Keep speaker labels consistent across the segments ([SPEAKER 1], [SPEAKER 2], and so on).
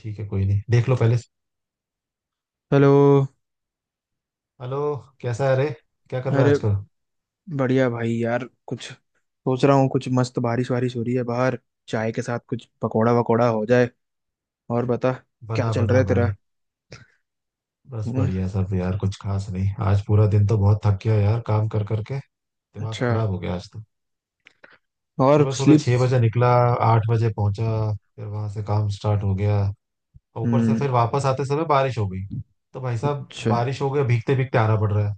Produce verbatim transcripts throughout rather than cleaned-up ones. [SPEAKER 1] ठीक है, कोई नहीं, देख लो पहले।
[SPEAKER 2] हेलो।
[SPEAKER 1] हेलो। कैसा है रे? क्या कर रहा है
[SPEAKER 2] अरे,
[SPEAKER 1] आजकल?
[SPEAKER 2] बढ़िया भाई। यार कुछ सोच रहा हूँ, कुछ मस्त बारिश वारिश हो रही है बाहर। चाय के साथ कुछ पकौड़ा वकौड़ा हो जाए। और बता, क्या
[SPEAKER 1] बना
[SPEAKER 2] चल रहा
[SPEAKER 1] बना
[SPEAKER 2] है तेरा?
[SPEAKER 1] भाई। बस
[SPEAKER 2] हम्म।
[SPEAKER 1] बढ़िया सब यार, कुछ खास नहीं। आज पूरा दिन तो बहुत थक गया यार काम कर करके। दिमाग
[SPEAKER 2] अच्छा।
[SPEAKER 1] खराब हो गया आज तो।
[SPEAKER 2] और
[SPEAKER 1] सुबह सुबह
[SPEAKER 2] स्लीप?
[SPEAKER 1] छह बजे निकला, आठ बजे पहुंचा। फिर वहां से काम स्टार्ट हो गया। और ऊपर से
[SPEAKER 2] हम्म।
[SPEAKER 1] फिर वापस आते समय बारिश हो गई। तो भाई साहब,
[SPEAKER 2] अच्छा।
[SPEAKER 1] बारिश हो गया, भीगते भीगते आना पड़ रहा है।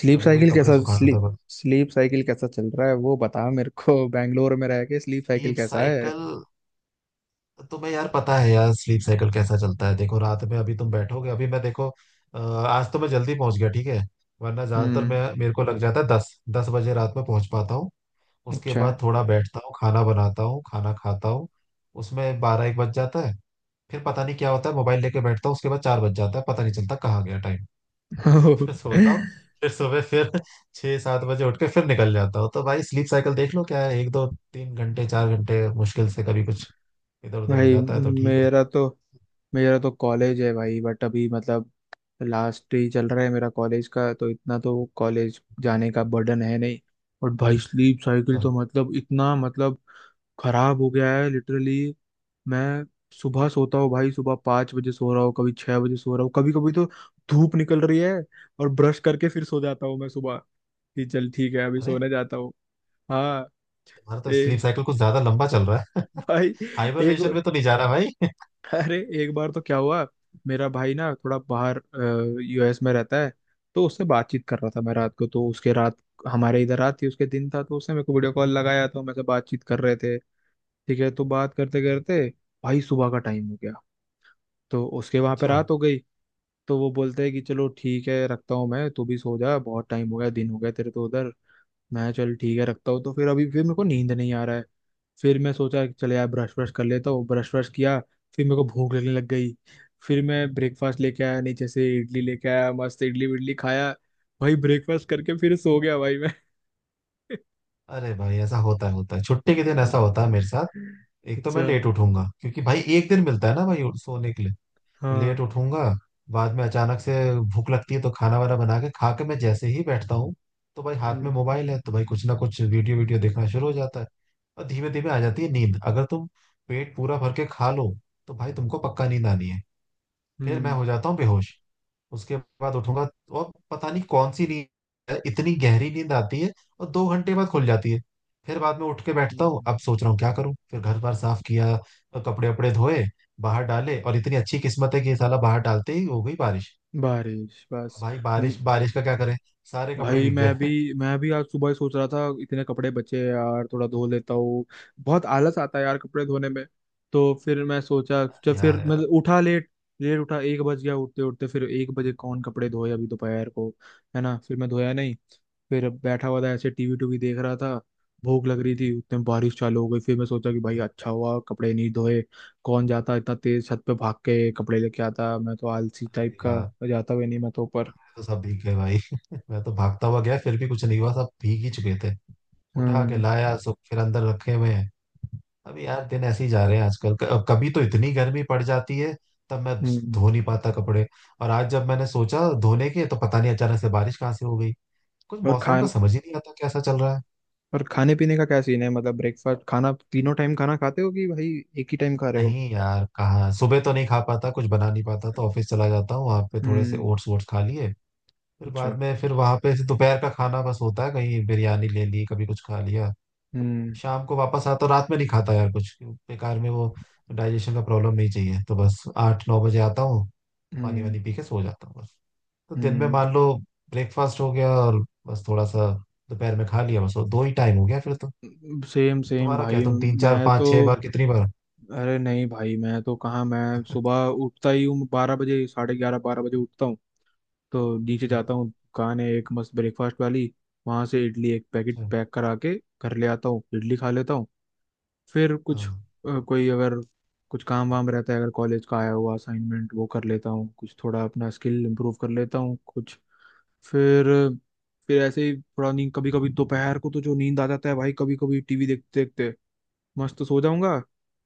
[SPEAKER 2] स्लीप
[SPEAKER 1] अभी वही
[SPEAKER 2] साइकिल
[SPEAKER 1] कपड़े
[SPEAKER 2] कैसा
[SPEAKER 1] सुखाना था
[SPEAKER 2] स्लीप
[SPEAKER 1] बस।
[SPEAKER 2] स्लीप साइकिल कैसा चल रहा है वो बता मेरे को, बैंगलोर में रह के स्लीप साइकिल
[SPEAKER 1] कीप
[SPEAKER 2] कैसा है?
[SPEAKER 1] साइकिल। तुम्हें यार पता है यार, स्लीप साइकिल कैसा चलता है? देखो, रात में अभी तुम बैठोगे अभी मैं देखो। अ, आज तो मैं जल्दी पहुंच गया, ठीक है। वरना ज्यादातर मैं,
[SPEAKER 2] हम्म।
[SPEAKER 1] मेरे को लग जाता है दस दस बजे रात में पहुंच पाता हूँ। उसके
[SPEAKER 2] अच्छा।
[SPEAKER 1] बाद थोड़ा बैठता हूँ, खाना बनाता हूँ, खाना खाता हूँ। उसमें बारह एक बज जाता है। फिर पता नहीं क्या होता है, मोबाइल लेके बैठता हूँ, उसके बाद चार बज जाता है, पता नहीं चलता कहाँ गया टाइम। फिर सोता हूँ। फिर सुबह फिर छह सात बजे उठ के फिर निकल जाता हूँ। तो भाई स्लीप साइकिल देख लो क्या है, एक दो तीन घंटे, चार घंटे मुश्किल से, कभी कुछ इधर उधर हो
[SPEAKER 2] भाई,
[SPEAKER 1] जाता है, तो ठीक है।
[SPEAKER 2] मेरा तो मेरा तो कॉलेज है भाई, बट अभी मतलब लास्ट ही चल रहा है मेरा कॉलेज का, तो इतना तो कॉलेज जाने का बर्डन है नहीं। और भाई स्लीप साइकिल
[SPEAKER 1] अच्छा।
[SPEAKER 2] तो मतलब इतना मतलब खराब हो गया है लिटरली। मैं सुबह सोता हूँ भाई, सुबह पाँच बजे सो रहा हूँ, कभी छह बजे सो रहा हूँ, कभी कभी तो धूप निकल रही है और ब्रश करके फिर सो जाता हूँ मैं सुबह कि चल ठीक है अभी
[SPEAKER 1] अरे,
[SPEAKER 2] सोने जाता हूँ। हाँ।
[SPEAKER 1] तुम्हारा तो स्लीप
[SPEAKER 2] ए।
[SPEAKER 1] साइकिल कुछ ज्यादा लंबा चल रहा है।
[SPEAKER 2] भाई एक,
[SPEAKER 1] हाइबरनेशन में तो नहीं जा रहा भाई?
[SPEAKER 2] अरे एक बार तो क्या हुआ, मेरा भाई ना थोड़ा बाहर यूएस में रहता है, तो उससे बातचीत कर रहा था मैं रात को, तो उसके रात, हमारे इधर रात थी उसके दिन था, तो उसने मेरे को वीडियो कॉल लगाया तो मेरे से बातचीत कर रहे थे। ठीक है, तो बात करते करते भाई सुबह का टाइम हो गया, तो उसके वहां पे
[SPEAKER 1] अच्छा।
[SPEAKER 2] रात हो गई। तो वो बोलते हैं कि चलो ठीक है रखता हूँ मैं, तू भी सो जा, बहुत टाइम हो गया, दिन हो गया तेरे तो उधर। मैं चल ठीक है रखता हूँ, तो फिर अभी फिर मेरे को नींद नहीं आ रहा है। फिर मैं सोचा कि चले यार ब्रश ब्रश कर लेता हूँ, ब्रश ब्रश किया, फिर मेरे को भूख लगने लग गई। फिर मैं ब्रेकफास्ट लेके आया, नीचे से इडली लेके आया, मस्त इडली विडली खाया, भाई ब्रेकफास्ट करके फिर सो गया भाई मैं।
[SPEAKER 1] अरे भाई, ऐसा होता है, होता है, छुट्टी के दिन ऐसा होता है मेरे साथ। एक तो मैं
[SPEAKER 2] अच्छा।
[SPEAKER 1] लेट उठूंगा, क्योंकि भाई एक दिन मिलता है ना भाई सोने के लिए।
[SPEAKER 2] हाँ।
[SPEAKER 1] लेट उठूंगा। बाद में अचानक से भूख लगती है, तो खाना वाना बना के खा के मैं जैसे ही बैठता हूँ, तो भाई हाथ में
[SPEAKER 2] हम्म।
[SPEAKER 1] मोबाइल है, तो भाई कुछ ना कुछ वीडियो वीडियो देखना शुरू हो जाता है। और धीमे धीमे आ जाती है नींद। अगर तुम पेट पूरा भर के खा लो, तो भाई तुमको पक्का नींद आनी है। फिर मैं
[SPEAKER 2] हम्म।
[SPEAKER 1] हो जाता हूँ बेहोश। उसके बाद उठूंगा और पता नहीं कौन सी नींद है, इतनी गहरी नींद आती है, और दो घंटे बाद खुल जाती है। फिर बाद में उठ के बैठता हूँ,
[SPEAKER 2] हम्म।
[SPEAKER 1] अब सोच रहा हूँ क्या करूँ, फिर घर बार साफ किया और कपड़े वपड़े धोए, बाहर डाले, और इतनी अच्छी किस्मत है कि ये साला बाहर डालते ही हो गई बारिश।
[SPEAKER 2] बारिश
[SPEAKER 1] अब
[SPEAKER 2] बस,
[SPEAKER 1] भाई
[SPEAKER 2] हम्म।
[SPEAKER 1] बारिश बारिश का क्या करें, सारे कपड़े
[SPEAKER 2] भाई
[SPEAKER 1] भीग
[SPEAKER 2] मैं भी
[SPEAKER 1] गए।
[SPEAKER 2] मैं भी आज सुबह ही सोच रहा था इतने कपड़े बचे हैं यार थोड़ा धो लेता हूँ, बहुत आलस आता है यार कपड़े धोने में। तो फिर मैं सोचा,
[SPEAKER 1] अरे
[SPEAKER 2] जब फिर
[SPEAKER 1] यार,
[SPEAKER 2] मैं
[SPEAKER 1] यार
[SPEAKER 2] उठा लेट लेट उठा, एक बज गया उठते उठते, फिर एक बजे कौन कपड़े धोए अभी दोपहर को, है ना? फिर मैं धोया नहीं। फिर बैठा हुआ था ऐसे, टीवी टूवी देख रहा था, भूख लग रही थी, उतने में बारिश चालू हो गई, फिर मैं सोचा कि भाई अच्छा हुआ कपड़े नहीं धोए। कौन जाता इतना तेज छत पे भाग के कपड़े लेके आता, मैं तो आलसी टाइप का,
[SPEAKER 1] यार,
[SPEAKER 2] जाता भी नहीं मैं तो ऊपर।
[SPEAKER 1] तो सब भीग गए भाई। मैं तो भागता हुआ गया, फिर भी कुछ नहीं हुआ, सब भीग ही चुके थे। उठा के
[SPEAKER 2] हम्म।
[SPEAKER 1] लाया सब, फिर अंदर रखे हुए हैं। अभी यार दिन ऐसे ही जा रहे हैं आजकल। क- कभी तो इतनी गर्मी पड़ जाती है, तब मैं
[SPEAKER 2] हम्म।
[SPEAKER 1] धो नहीं पाता कपड़े, और आज जब मैंने सोचा धोने के, तो पता नहीं अचानक से बारिश कहाँ से हो गई। कुछ
[SPEAKER 2] और
[SPEAKER 1] मौसम का
[SPEAKER 2] खान
[SPEAKER 1] समझ ही नहीं आता कैसा चल रहा है।
[SPEAKER 2] और खाने पीने का क्या सीन है? मतलब ब्रेकफास्ट खाना तीनों टाइम खाना खाते हो कि भाई एक ही टाइम खा रहे हो?
[SPEAKER 1] नहीं यार, कहाँ, सुबह तो नहीं खा पाता, कुछ बना नहीं पाता, तो ऑफिस चला जाता हूँ, वहां पे थोड़े से
[SPEAKER 2] हम्म।
[SPEAKER 1] ओट्स वोट्स खा लिए। फिर
[SPEAKER 2] अच्छा।
[SPEAKER 1] बाद में फिर वहां पे दोपहर का खाना बस होता है, कहीं बिरयानी ले ली, कभी कुछ खा लिया।
[SPEAKER 2] हम्म।
[SPEAKER 1] शाम को वापस आता हूँ, रात में नहीं खाता यार कुछ, बेकार में वो डाइजेशन का प्रॉब्लम नहीं चाहिए, तो बस आठ नौ बजे आता हूँ, तो पानी
[SPEAKER 2] हम्म।
[SPEAKER 1] वानी पी के सो जाता हूँ बस। तो दिन में
[SPEAKER 2] हम्म।
[SPEAKER 1] मान लो ब्रेकफास्ट हो गया और बस थोड़ा सा दोपहर में खा लिया, बस वो दो ही टाइम हो गया फिर तो।
[SPEAKER 2] सेम सेम
[SPEAKER 1] तुम्हारा क्या,
[SPEAKER 2] भाई।
[SPEAKER 1] तुम तीन चार
[SPEAKER 2] मैं तो
[SPEAKER 1] पाँच छह बार, कितनी बार?
[SPEAKER 2] अरे नहीं भाई, मैं तो कहाँ, मैं सुबह उठता ही हूँ बारह बजे, साढ़े ग्यारह बारह बजे उठता हूँ। तो नीचे
[SPEAKER 1] हम्म।
[SPEAKER 2] जाता हूँ, दुकान है एक मस्त ब्रेकफास्ट वाली, वहां से इडली एक पैकेट
[SPEAKER 1] अच्छा।
[SPEAKER 2] पैक करा के घर ले आता हूँ, इडली खा लेता हूँ। फिर कुछ
[SPEAKER 1] हाँ,
[SPEAKER 2] अ, कोई अगर कुछ काम वाम रहता है, अगर कॉलेज का आया हुआ असाइनमेंट वो कर लेता हूँ, कुछ थोड़ा अपना स्किल इम्प्रूव कर लेता हूँ कुछ। फिर फिर ऐसे ही थोड़ा नींद, कभी कभी दोपहर को तो जो नींद आ जाता है भाई, कभी कभी टीवी देखते देखते मस्त सो जाऊंगा।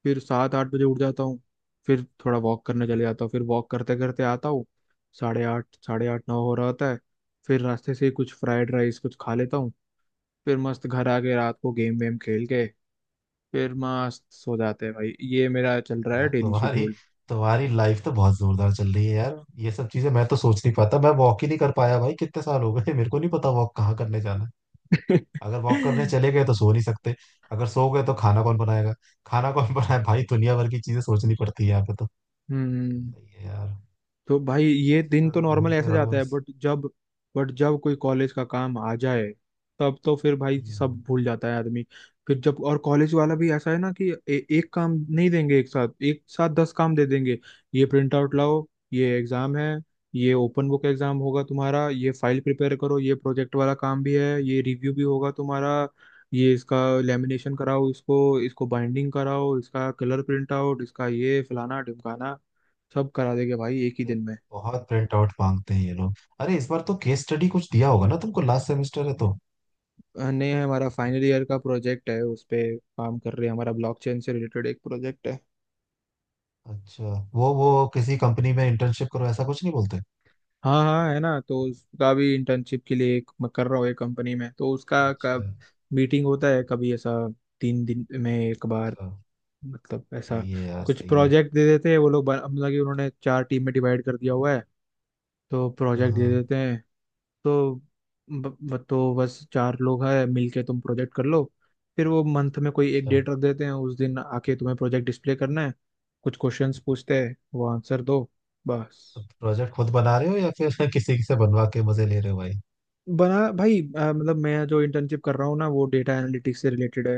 [SPEAKER 2] फिर सात आठ बजे उठ जाता हूँ, फिर थोड़ा वॉक करने चले जाता हूँ, फिर वॉक करते करते आता हूँ, साढ़े आठ साढ़े आठ नौ हो रहा होता है। फिर रास्ते से ही कुछ फ्राइड राइस कुछ खा लेता हूँ, फिर मस्त घर आके रात को गेम वेम खेल के फिर मस्त सो जाते हैं भाई, ये मेरा चल रहा है
[SPEAKER 1] यार
[SPEAKER 2] डेली
[SPEAKER 1] तुम्हारी,
[SPEAKER 2] शेड्यूल।
[SPEAKER 1] तुम्हारी लाइफ तो बहुत जोरदार चल रही है यार। ये सब चीजें मैं तो सोच नहीं पाता। मैं वॉक ही नहीं कर पाया भाई, कितने साल हो गए, मेरे को नहीं पता वॉक कहाँ करने जाना। अगर वॉक करने चले गए तो सो नहीं सकते। अगर सो गए तो खाना कौन बनाएगा, खाना कौन बनाए भाई, दुनिया भर की चीजें सोचनी पड़ती है यहाँ पे तो।
[SPEAKER 2] हम्म।
[SPEAKER 1] सही है यार।
[SPEAKER 2] तो भाई ये
[SPEAKER 1] बस इधर
[SPEAKER 2] दिन तो
[SPEAKER 1] उधर
[SPEAKER 2] नॉर्मल
[SPEAKER 1] घूमते
[SPEAKER 2] ऐसे
[SPEAKER 1] रहो
[SPEAKER 2] जाता है,
[SPEAKER 1] बस।
[SPEAKER 2] बट जब बट जब कोई कॉलेज का काम आ जाए तब तो फिर भाई सब
[SPEAKER 1] हम्म।
[SPEAKER 2] भूल जाता है आदमी। फिर जब और कॉलेज वाला भी ऐसा है ना कि ए, एक काम नहीं देंगे, एक साथ एक साथ दस काम दे देंगे। ये प्रिंट आउट लाओ, ये एग्जाम है, ये ओपन बुक एग्जाम होगा तुम्हारा, ये फाइल प्रिपेयर करो, ये प्रोजेक्ट वाला काम भी है, ये रिव्यू भी होगा तुम्हारा, ये इसका लेमिनेशन कराओ, इसको इसको बाइंडिंग कराओ, इसका कलर प्रिंट आउट, इसका ये फलाना ढिमकाना, सब करा देंगे भाई एक ही
[SPEAKER 1] अरे,
[SPEAKER 2] दिन में।
[SPEAKER 1] बहुत प्रिंट आउट मांगते हैं ये लोग। अरे, इस बार तो केस स्टडी कुछ दिया होगा ना तुमको, लास्ट सेमेस्टर है तो।
[SPEAKER 2] नहीं, हमारा फाइनल ईयर का प्रोजेक्ट है, उस पे काम कर रहे हैं, हमारा ब्लॉकचेन से रिलेटेड एक प्रोजेक्ट है।
[SPEAKER 1] अच्छा। वो वो किसी कंपनी में इंटर्नशिप करो, ऐसा कुछ नहीं बोलते?
[SPEAKER 2] हाँ हाँ, है ना, तो उसका भी इंटर्नशिप के लिए एक मैं कर रहा हूँ एक कंपनी में, तो उसका
[SPEAKER 1] अच्छा।
[SPEAKER 2] कब मीटिंग होता है कभी ऐसा, तीन दिन में एक बार,
[SPEAKER 1] अच्छा।
[SPEAKER 2] मतलब ऐसा।
[SPEAKER 1] सही है यार,
[SPEAKER 2] कुछ
[SPEAKER 1] सही है।
[SPEAKER 2] प्रोजेक्ट दे देते हैं वो लोग, बन- मतलब कि उन्होंने चार टीम में डिवाइड कर दिया हुआ है, तो
[SPEAKER 1] हाँ
[SPEAKER 2] प्रोजेक्ट दे
[SPEAKER 1] हाँ।
[SPEAKER 2] देते हैं, तो ब, ब, तो बस चार लोग हैं मिलके तुम प्रोजेक्ट कर लो। फिर वो मंथ में कोई एक
[SPEAKER 1] अच्छा।
[SPEAKER 2] डेट रख देते हैं, उस दिन आके तुम्हें प्रोजेक्ट डिस्प्ले करना है, कुछ क्वेश्चंस पूछते हैं, वो आंसर दो, बस।
[SPEAKER 1] प्रोजेक्ट खुद बना रहे हो या फिर किसी से बनवा के मजे ले रहे हो भाई?
[SPEAKER 2] बना भाई। अ, मतलब मैं जो इंटर्नशिप कर रहा हूँ ना वो डेटा एनालिटिक्स से रिलेटेड है,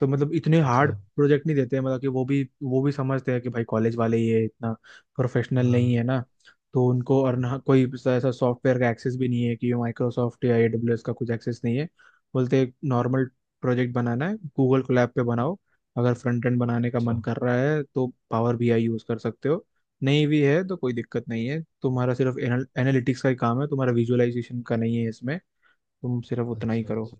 [SPEAKER 2] तो मतलब इतने हार्ड
[SPEAKER 1] अच्छा।
[SPEAKER 2] प्रोजेक्ट नहीं देते हैं, मतलब कि वो भी वो भी समझते हैं कि भाई कॉलेज वाले ये इतना प्रोफेशनल नहीं है
[SPEAKER 1] हाँ।
[SPEAKER 2] ना। तो उनको और ना कोई ऐसा सॉफ्टवेयर का एक्सेस भी नहीं है कि माइक्रोसॉफ्ट या एडब्ल्यूएस का कुछ एक्सेस नहीं है। बोलते एक नॉर्मल प्रोजेक्ट बनाना है, गूगल कोलैब पे बनाओ, अगर फ्रंट एंड बनाने का
[SPEAKER 1] अच्छा।
[SPEAKER 2] मन कर रहा है तो पावर बीआई यूज़ कर सकते हो, नहीं भी है तो कोई दिक्कत नहीं है, तुम्हारा सिर्फ एनालिटिक्स का ही काम है, तुम्हारा विजुअलाइजेशन का नहीं है इसमें, तुम सिर्फ उतना ही
[SPEAKER 1] अच्छा।
[SPEAKER 2] करो।
[SPEAKER 1] अच्छा।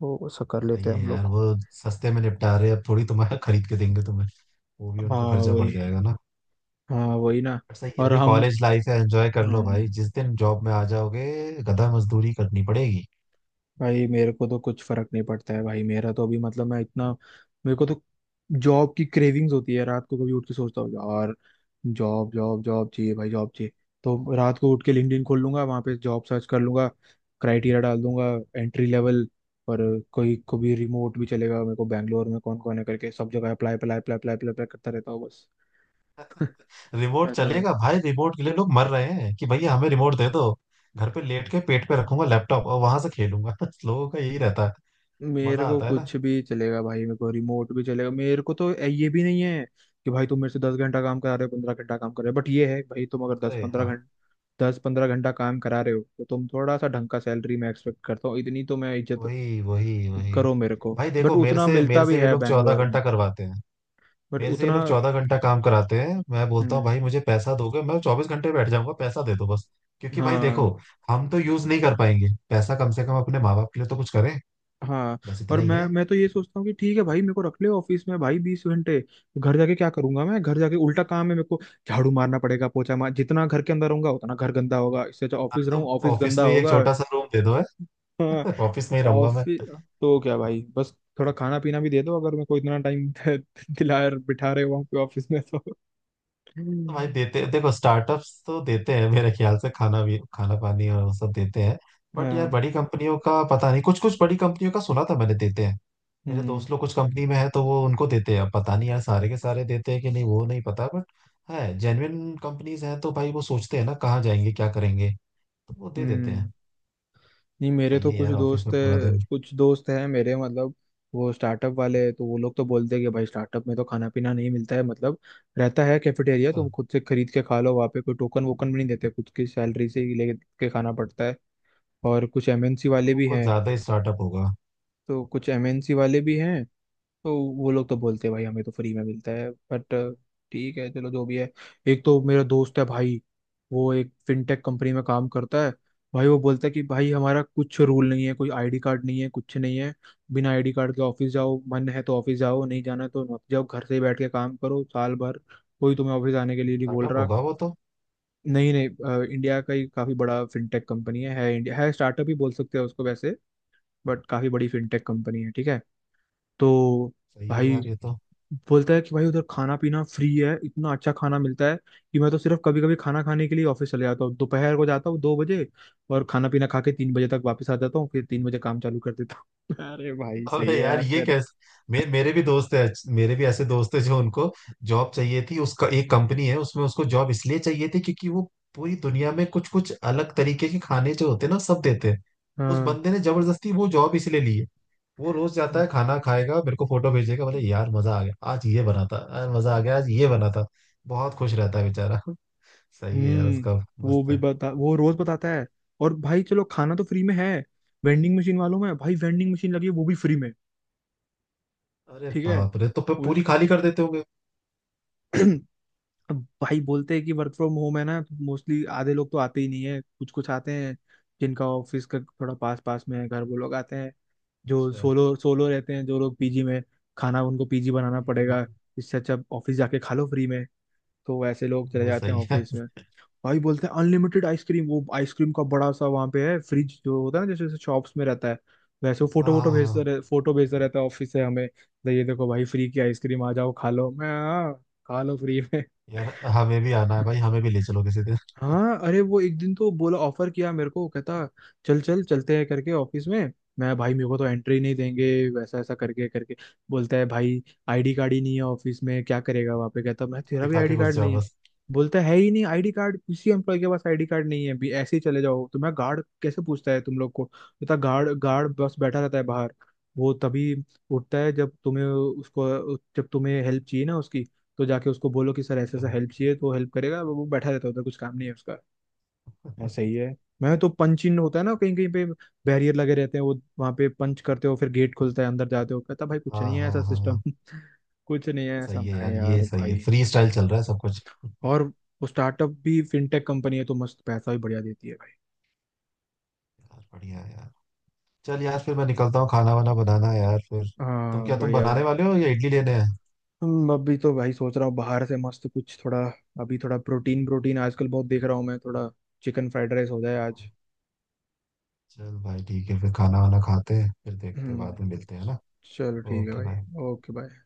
[SPEAKER 2] तो सब कर लेते
[SPEAKER 1] सही
[SPEAKER 2] हैं
[SPEAKER 1] है
[SPEAKER 2] हम
[SPEAKER 1] यार,
[SPEAKER 2] लोग।
[SPEAKER 1] वो सस्ते में निपटा रहे हैं, अब थोड़ी तुम्हारा खरीद के देंगे तुम्हें, वो भी उनको
[SPEAKER 2] हाँ
[SPEAKER 1] खर्चा
[SPEAKER 2] वही।
[SPEAKER 1] पड़ जाएगा ना।
[SPEAKER 2] हाँ वही ना।
[SPEAKER 1] बट सही है,
[SPEAKER 2] और
[SPEAKER 1] अभी
[SPEAKER 2] हम,
[SPEAKER 1] कॉलेज लाइफ है, एंजॉय कर लो भाई,
[SPEAKER 2] हम्म।
[SPEAKER 1] जिस दिन जॉब में आ जाओगे, गधा मजदूरी करनी पड़ेगी।
[SPEAKER 2] भाई मेरे को तो कुछ फर्क नहीं पड़ता है भाई, मेरा तो अभी मतलब मैं इतना, मेरे को तो जॉब की क्रेविंग्स होती है रात को कभी उठ के सोचता हूँ यार, जॉब जॉब जॉब चाहिए भाई, जॉब चाहिए। तो रात को उठ के लिंक्डइन खोल लूंगा, वहां पे जॉब सर्च कर लूंगा, क्राइटेरिया डाल दूंगा एंट्री लेवल, और कोई को भी रिमोट भी चलेगा मेरे को, बैंगलोर में कौन कौन है करके सब जगह apply apply apply apply apply करता रहता हूँ बस।
[SPEAKER 1] रिमोट
[SPEAKER 2] ऐसा।
[SPEAKER 1] चलेगा भाई, रिमोट के लिए लोग मर रहे हैं कि भैया हमें रिमोट दे दो, घर पे लेट के पेट पे रखूंगा लैपटॉप और वहां से खेलूंगा। लोगों का यही रहता है। मजा
[SPEAKER 2] मेरे को
[SPEAKER 1] आता है ना।
[SPEAKER 2] कुछ भी चलेगा भाई, मेरे को रिमोट भी चलेगा, मेरे को तो ये भी नहीं है कि भाई तुम मेरे से दस घंटा काम करा रहे हो पंद्रह घंटा काम कर रहे हो, बट ये है भाई तुम अगर दस
[SPEAKER 1] अरे
[SPEAKER 2] पंद्रह
[SPEAKER 1] हाँ,
[SPEAKER 2] घंटा दस पंद्रह घंटा काम करा रहे हो तो तुम थोड़ा सा ढंग का सैलरी मैं एक्सपेक्ट करता हूँ, इतनी तो मैं इज्जत
[SPEAKER 1] वही वही वही।
[SPEAKER 2] करो मेरे को।
[SPEAKER 1] भाई
[SPEAKER 2] बट
[SPEAKER 1] देखो, मेरे
[SPEAKER 2] उतना
[SPEAKER 1] से
[SPEAKER 2] मिलता
[SPEAKER 1] मेरे
[SPEAKER 2] भी
[SPEAKER 1] से ये
[SPEAKER 2] है
[SPEAKER 1] लोग चौदह
[SPEAKER 2] बैंगलोर में।
[SPEAKER 1] घंटा करवाते हैं,
[SPEAKER 2] बट
[SPEAKER 1] मेरे से ये
[SPEAKER 2] उतना,
[SPEAKER 1] लोग चौदह घंटा काम कराते हैं, मैं बोलता हूँ
[SPEAKER 2] हम्म।
[SPEAKER 1] भाई मुझे पैसा दोगे, मैं चौबीस घंटे बैठ जाऊंगा, पैसा दे दो बस। क्योंकि भाई देखो,
[SPEAKER 2] हाँ।
[SPEAKER 1] हम तो यूज नहीं कर पाएंगे पैसा, कम से कम अपने माँ बाप के लिए तो कुछ करें,
[SPEAKER 2] हाँ।
[SPEAKER 1] बस इतना
[SPEAKER 2] और
[SPEAKER 1] ही
[SPEAKER 2] मैं
[SPEAKER 1] है।
[SPEAKER 2] मैं तो ये सोचता हूँ कि ठीक है भाई मेरे को रख ले ऑफिस में भाई बीस घंटे, घर जाके क्या करूंगा मैं, घर जाके उल्टा काम है मेरे को, झाड़ू मारना पड़ेगा पोछा मार, जितना घर के अंदर रहूंगा उतना घर गंदा होगा, इससे अच्छा
[SPEAKER 1] हाँ,
[SPEAKER 2] ऑफिस रहूँ,
[SPEAKER 1] तो
[SPEAKER 2] ऑफिस
[SPEAKER 1] ऑफिस
[SPEAKER 2] गंदा
[SPEAKER 1] में ही एक
[SPEAKER 2] होगा।
[SPEAKER 1] छोटा सा रूम दे दो
[SPEAKER 2] हाँ।
[SPEAKER 1] है। ऑफिस में ही रहूंगा मैं।
[SPEAKER 2] ऑफिस तो क्या भाई बस थोड़ा खाना पीना भी दे दो, अगर मेरे को इतना टाइम दिला बिठा रहे हो वहाँ पे ऑफिस में तो।
[SPEAKER 1] तो भाई
[SPEAKER 2] हम्म।
[SPEAKER 1] देते, देखो स्टार्टअप्स तो देते हैं मेरे ख्याल से, खाना भी, खाना पानी और वो सब देते हैं। बट यार
[SPEAKER 2] हाँ।
[SPEAKER 1] बड़ी कंपनियों का पता नहीं, कुछ कुछ बड़ी कंपनियों का सुना था मैंने, देते हैं। मेरे
[SPEAKER 2] हम्म।
[SPEAKER 1] दोस्त लोग कुछ कंपनी में है तो वो उनको देते हैं, अब पता नहीं यार सारे के सारे देते हैं कि नहीं वो नहीं पता, बट है जेन्युइन कंपनीज हैं तो भाई, वो सोचते हैं ना कहाँ जाएंगे क्या करेंगे, तो वो दे देते
[SPEAKER 2] हम्म।
[SPEAKER 1] हैं।
[SPEAKER 2] नहीं मेरे
[SPEAKER 1] सही
[SPEAKER 2] तो
[SPEAKER 1] है
[SPEAKER 2] कुछ
[SPEAKER 1] यार, ऑफिस
[SPEAKER 2] दोस्त,
[SPEAKER 1] में पूरा दिन।
[SPEAKER 2] कुछ दोस्त हैं मेरे, मतलब वो स्टार्टअप वाले हैं, तो वो लोग तो बोलते हैं कि भाई स्टार्टअप में तो खाना पीना नहीं मिलता है मतलब, रहता है कैफेटेरिया
[SPEAKER 1] अच्छा,
[SPEAKER 2] तुम खुद से खरीद के खा लो, वहाँ पे कोई टोकन वोकन भी नहीं देते, खुद की सैलरी से ही लेके खाना पड़ता है। और कुछ एमएनसी
[SPEAKER 1] तो
[SPEAKER 2] वाले
[SPEAKER 1] वो
[SPEAKER 2] भी
[SPEAKER 1] कुछ
[SPEAKER 2] हैं,
[SPEAKER 1] ज्यादा ही स्टार्टअप होगा।
[SPEAKER 2] तो कुछ एमएनसी वाले भी हैं, तो वो लोग तो बोलते हैं भाई हमें तो फ्री में मिलता है, बट ठीक है चलो जो भी है। एक तो मेरा दोस्त है भाई, वो एक फिनटेक कंपनी में काम करता है, भाई वो बोलता है कि भाई हमारा कुछ रूल नहीं है, कोई आईडी कार्ड नहीं है, कुछ नहीं है, बिना आईडी कार्ड के ऑफिस जाओ, मन है तो ऑफिस जाओ, नहीं जाना है तो मत जाओ, घर से ही बैठ के काम करो साल भर, कोई तुम्हें ऑफिस आने के लिए नहीं बोल
[SPEAKER 1] स्टार्टअप
[SPEAKER 2] रहा।
[SPEAKER 1] होगा वो तो।
[SPEAKER 2] नहीं नहीं, अ, इंडिया का ही काफी बड़ा फिनटेक कंपनी है है इंडिया, है स्टार्टअप ही बोल सकते हैं उसको वैसे, बट काफी बड़ी फिनटेक कंपनी है, ठीक है। तो
[SPEAKER 1] सही है
[SPEAKER 2] भाई
[SPEAKER 1] यार ये तो।
[SPEAKER 2] बोलता है कि भाई उधर खाना पीना फ्री है, इतना अच्छा खाना मिलता है कि मैं तो सिर्फ कभी कभी खाना खाने के लिए ऑफिस चले जाता हूँ, दोपहर को जाता हूँ दो बजे, और खाना पीना खा के तीन बजे तक वापस आ जाता हूँ, फिर तीन बजे काम चालू कर देता हूँ। अरे भाई सही
[SPEAKER 1] अबे
[SPEAKER 2] है
[SPEAKER 1] यार
[SPEAKER 2] यार
[SPEAKER 1] ये
[SPEAKER 2] तेरा।
[SPEAKER 1] कैसे? मे, मेरे भी दोस्त है, मेरे भी ऐसे दोस्त है जो उनको जॉब चाहिए थी। उसका एक कंपनी है, उसमें उसको जॉब इसलिए चाहिए थी क्योंकि वो पूरी दुनिया में कुछ कुछ अलग तरीके के खाने जो होते हैं ना, सब देते हैं। उस
[SPEAKER 2] हाँ।
[SPEAKER 1] बंदे ने जबरदस्ती वो जॉब इसलिए ली है। वो रोज जाता है खाना खाएगा, मेरे को फोटो भेजेगा, बोले यार मजा आ गया आज ये बना था, यार मजा आ गया आज ये बना था। बहुत खुश रहता है बेचारा। सही है यार
[SPEAKER 2] हम्म।
[SPEAKER 1] उसका।
[SPEAKER 2] वो
[SPEAKER 1] मस्त
[SPEAKER 2] भी
[SPEAKER 1] है।
[SPEAKER 2] बता, वो रोज बताता है। और भाई चलो, खाना तो फ्री में है, वेंडिंग मशीन वालों में भाई, वेंडिंग मशीन लगी है वो भी फ्री में।
[SPEAKER 1] अरे
[SPEAKER 2] ठीक है।
[SPEAKER 1] बाप रे, तो फिर
[SPEAKER 2] वो
[SPEAKER 1] पूरी खाली कर देते होंगे।
[SPEAKER 2] अब भाई बोलते हैं कि वर्क फ्रॉम होम है ना, तो मोस्टली आधे लोग तो आते ही नहीं है, कुछ कुछ आते हैं, जिनका ऑफिस का थोड़ा पास पास में है घर, वो लोग आते हैं, जो
[SPEAKER 1] अच्छा।
[SPEAKER 2] सोलो सोलो रहते हैं, जो लोग पीजी में, खाना उनको पीजी बनाना
[SPEAKER 1] हम्म।
[SPEAKER 2] पड़ेगा, इससे अच्छा ऑफिस जाके खा लो फ्री में, तो ऐसे लोग चले
[SPEAKER 1] वो
[SPEAKER 2] जाते हैं
[SPEAKER 1] सही है।
[SPEAKER 2] ऑफिस में। भाई बोलते हैं अनलिमिटेड आइसक्रीम, वो आइसक्रीम का बड़ा सा वहाँ पे है फ्रिज जो होता है ना जैसे जैसे शॉप्स में रहता है वैसे, वो फोटो
[SPEAKER 1] हाँ
[SPEAKER 2] वोटो
[SPEAKER 1] हाँ
[SPEAKER 2] भेजता
[SPEAKER 1] हाँ।
[SPEAKER 2] रह, फोटो भेजता रहता है ऑफिस से हमें, तो ये देखो भाई फ्री की आइसक्रीम आ जाओ खा लो। मैं, "हाँ, खा लो फ्री में।"
[SPEAKER 1] यार हमें भी आना है भाई, हमें भी ले चलो किसी दिन।
[SPEAKER 2] हाँ, अरे वो एक दिन तो बोला, ऑफर किया मेरे को, कहता चल चल चलते हैं करके ऑफिस में। मैं, भाई मेरे को तो एंट्री नहीं देंगे वैसा, ऐसा करके करके बोलता है भाई, आईडी कार्ड ही नहीं है ऑफिस में क्या करेगा वहाँ पे, कहता मैं तेरा भी
[SPEAKER 1] दिखा के
[SPEAKER 2] आईडी
[SPEAKER 1] घुस
[SPEAKER 2] कार्ड
[SPEAKER 1] जाओ
[SPEAKER 2] नहीं है।
[SPEAKER 1] बस।
[SPEAKER 2] बोलता है ही नहीं आईडी कार्ड किसी एम्प्लॉय के पास, आईडी कार्ड नहीं है भी, ऐसे ही चले जाओ। तो मैं, गार्ड कैसे पूछता है तुम लोग को, कहता गार्ड गार्ड बस बैठा रहता है बाहर, वो तभी उठता है जब तुम्हें उसको, जब तुम्हें हेल्प चाहिए ना उसकी, तो जाके उसको बोलो कि सर ऐसे ऐसा
[SPEAKER 1] चलो।
[SPEAKER 2] हेल्प चाहिए तो हेल्प करेगा वो वो बैठा रहता है उधर कुछ काम नहीं है उसका। हाँ, सही है। मैं तो पंच इन होता है ना कहीं कहीं पे बैरियर लगे रहते हैं वो, वहां पे पंच करते हो फिर गेट खुलता है अंदर जाते हो, कहता भाई कुछ
[SPEAKER 1] हाँ
[SPEAKER 2] नहीं है
[SPEAKER 1] हाँ
[SPEAKER 2] ऐसा
[SPEAKER 1] हाँ
[SPEAKER 2] सिस्टम।
[SPEAKER 1] हाँ।
[SPEAKER 2] कुछ नहीं है
[SPEAKER 1] सही
[SPEAKER 2] ऐसा
[SPEAKER 1] है
[SPEAKER 2] है
[SPEAKER 1] यार, ये
[SPEAKER 2] यार
[SPEAKER 1] सही है,
[SPEAKER 2] भाई।
[SPEAKER 1] फ्री स्टाइल चल रहा है सब कुछ। यार
[SPEAKER 2] और वो स्टार्टअप भी फिनटेक कंपनी है, तो मस्त पैसा भी बढ़िया देती है भाई।
[SPEAKER 1] बढ़िया है यार। चल यार, फिर मैं निकलता हूँ, खाना वाना बनाना है यार फिर। तुम
[SPEAKER 2] हाँ
[SPEAKER 1] क्या, तुम
[SPEAKER 2] बढ़िया भाई।
[SPEAKER 1] बनाने वाले हो या इडली लेने हैं?
[SPEAKER 2] हम अभी तो भाई सोच रहा हूँ बाहर से मस्त कुछ थोड़ा, अभी थोड़ा प्रोटीन प्रोटीन आजकल बहुत देख रहा हूँ मैं, थोड़ा चिकन फ्राइड राइस हो जाए आज।
[SPEAKER 1] हाँ, चल भाई ठीक है, फिर खाना वाना खाते हैं, फिर देखते हैं, बाद में
[SPEAKER 2] हम्म।
[SPEAKER 1] मिलते हैं ना।
[SPEAKER 2] चलो ठीक है
[SPEAKER 1] ओके
[SPEAKER 2] भाई।
[SPEAKER 1] भाई।
[SPEAKER 2] Okay bye.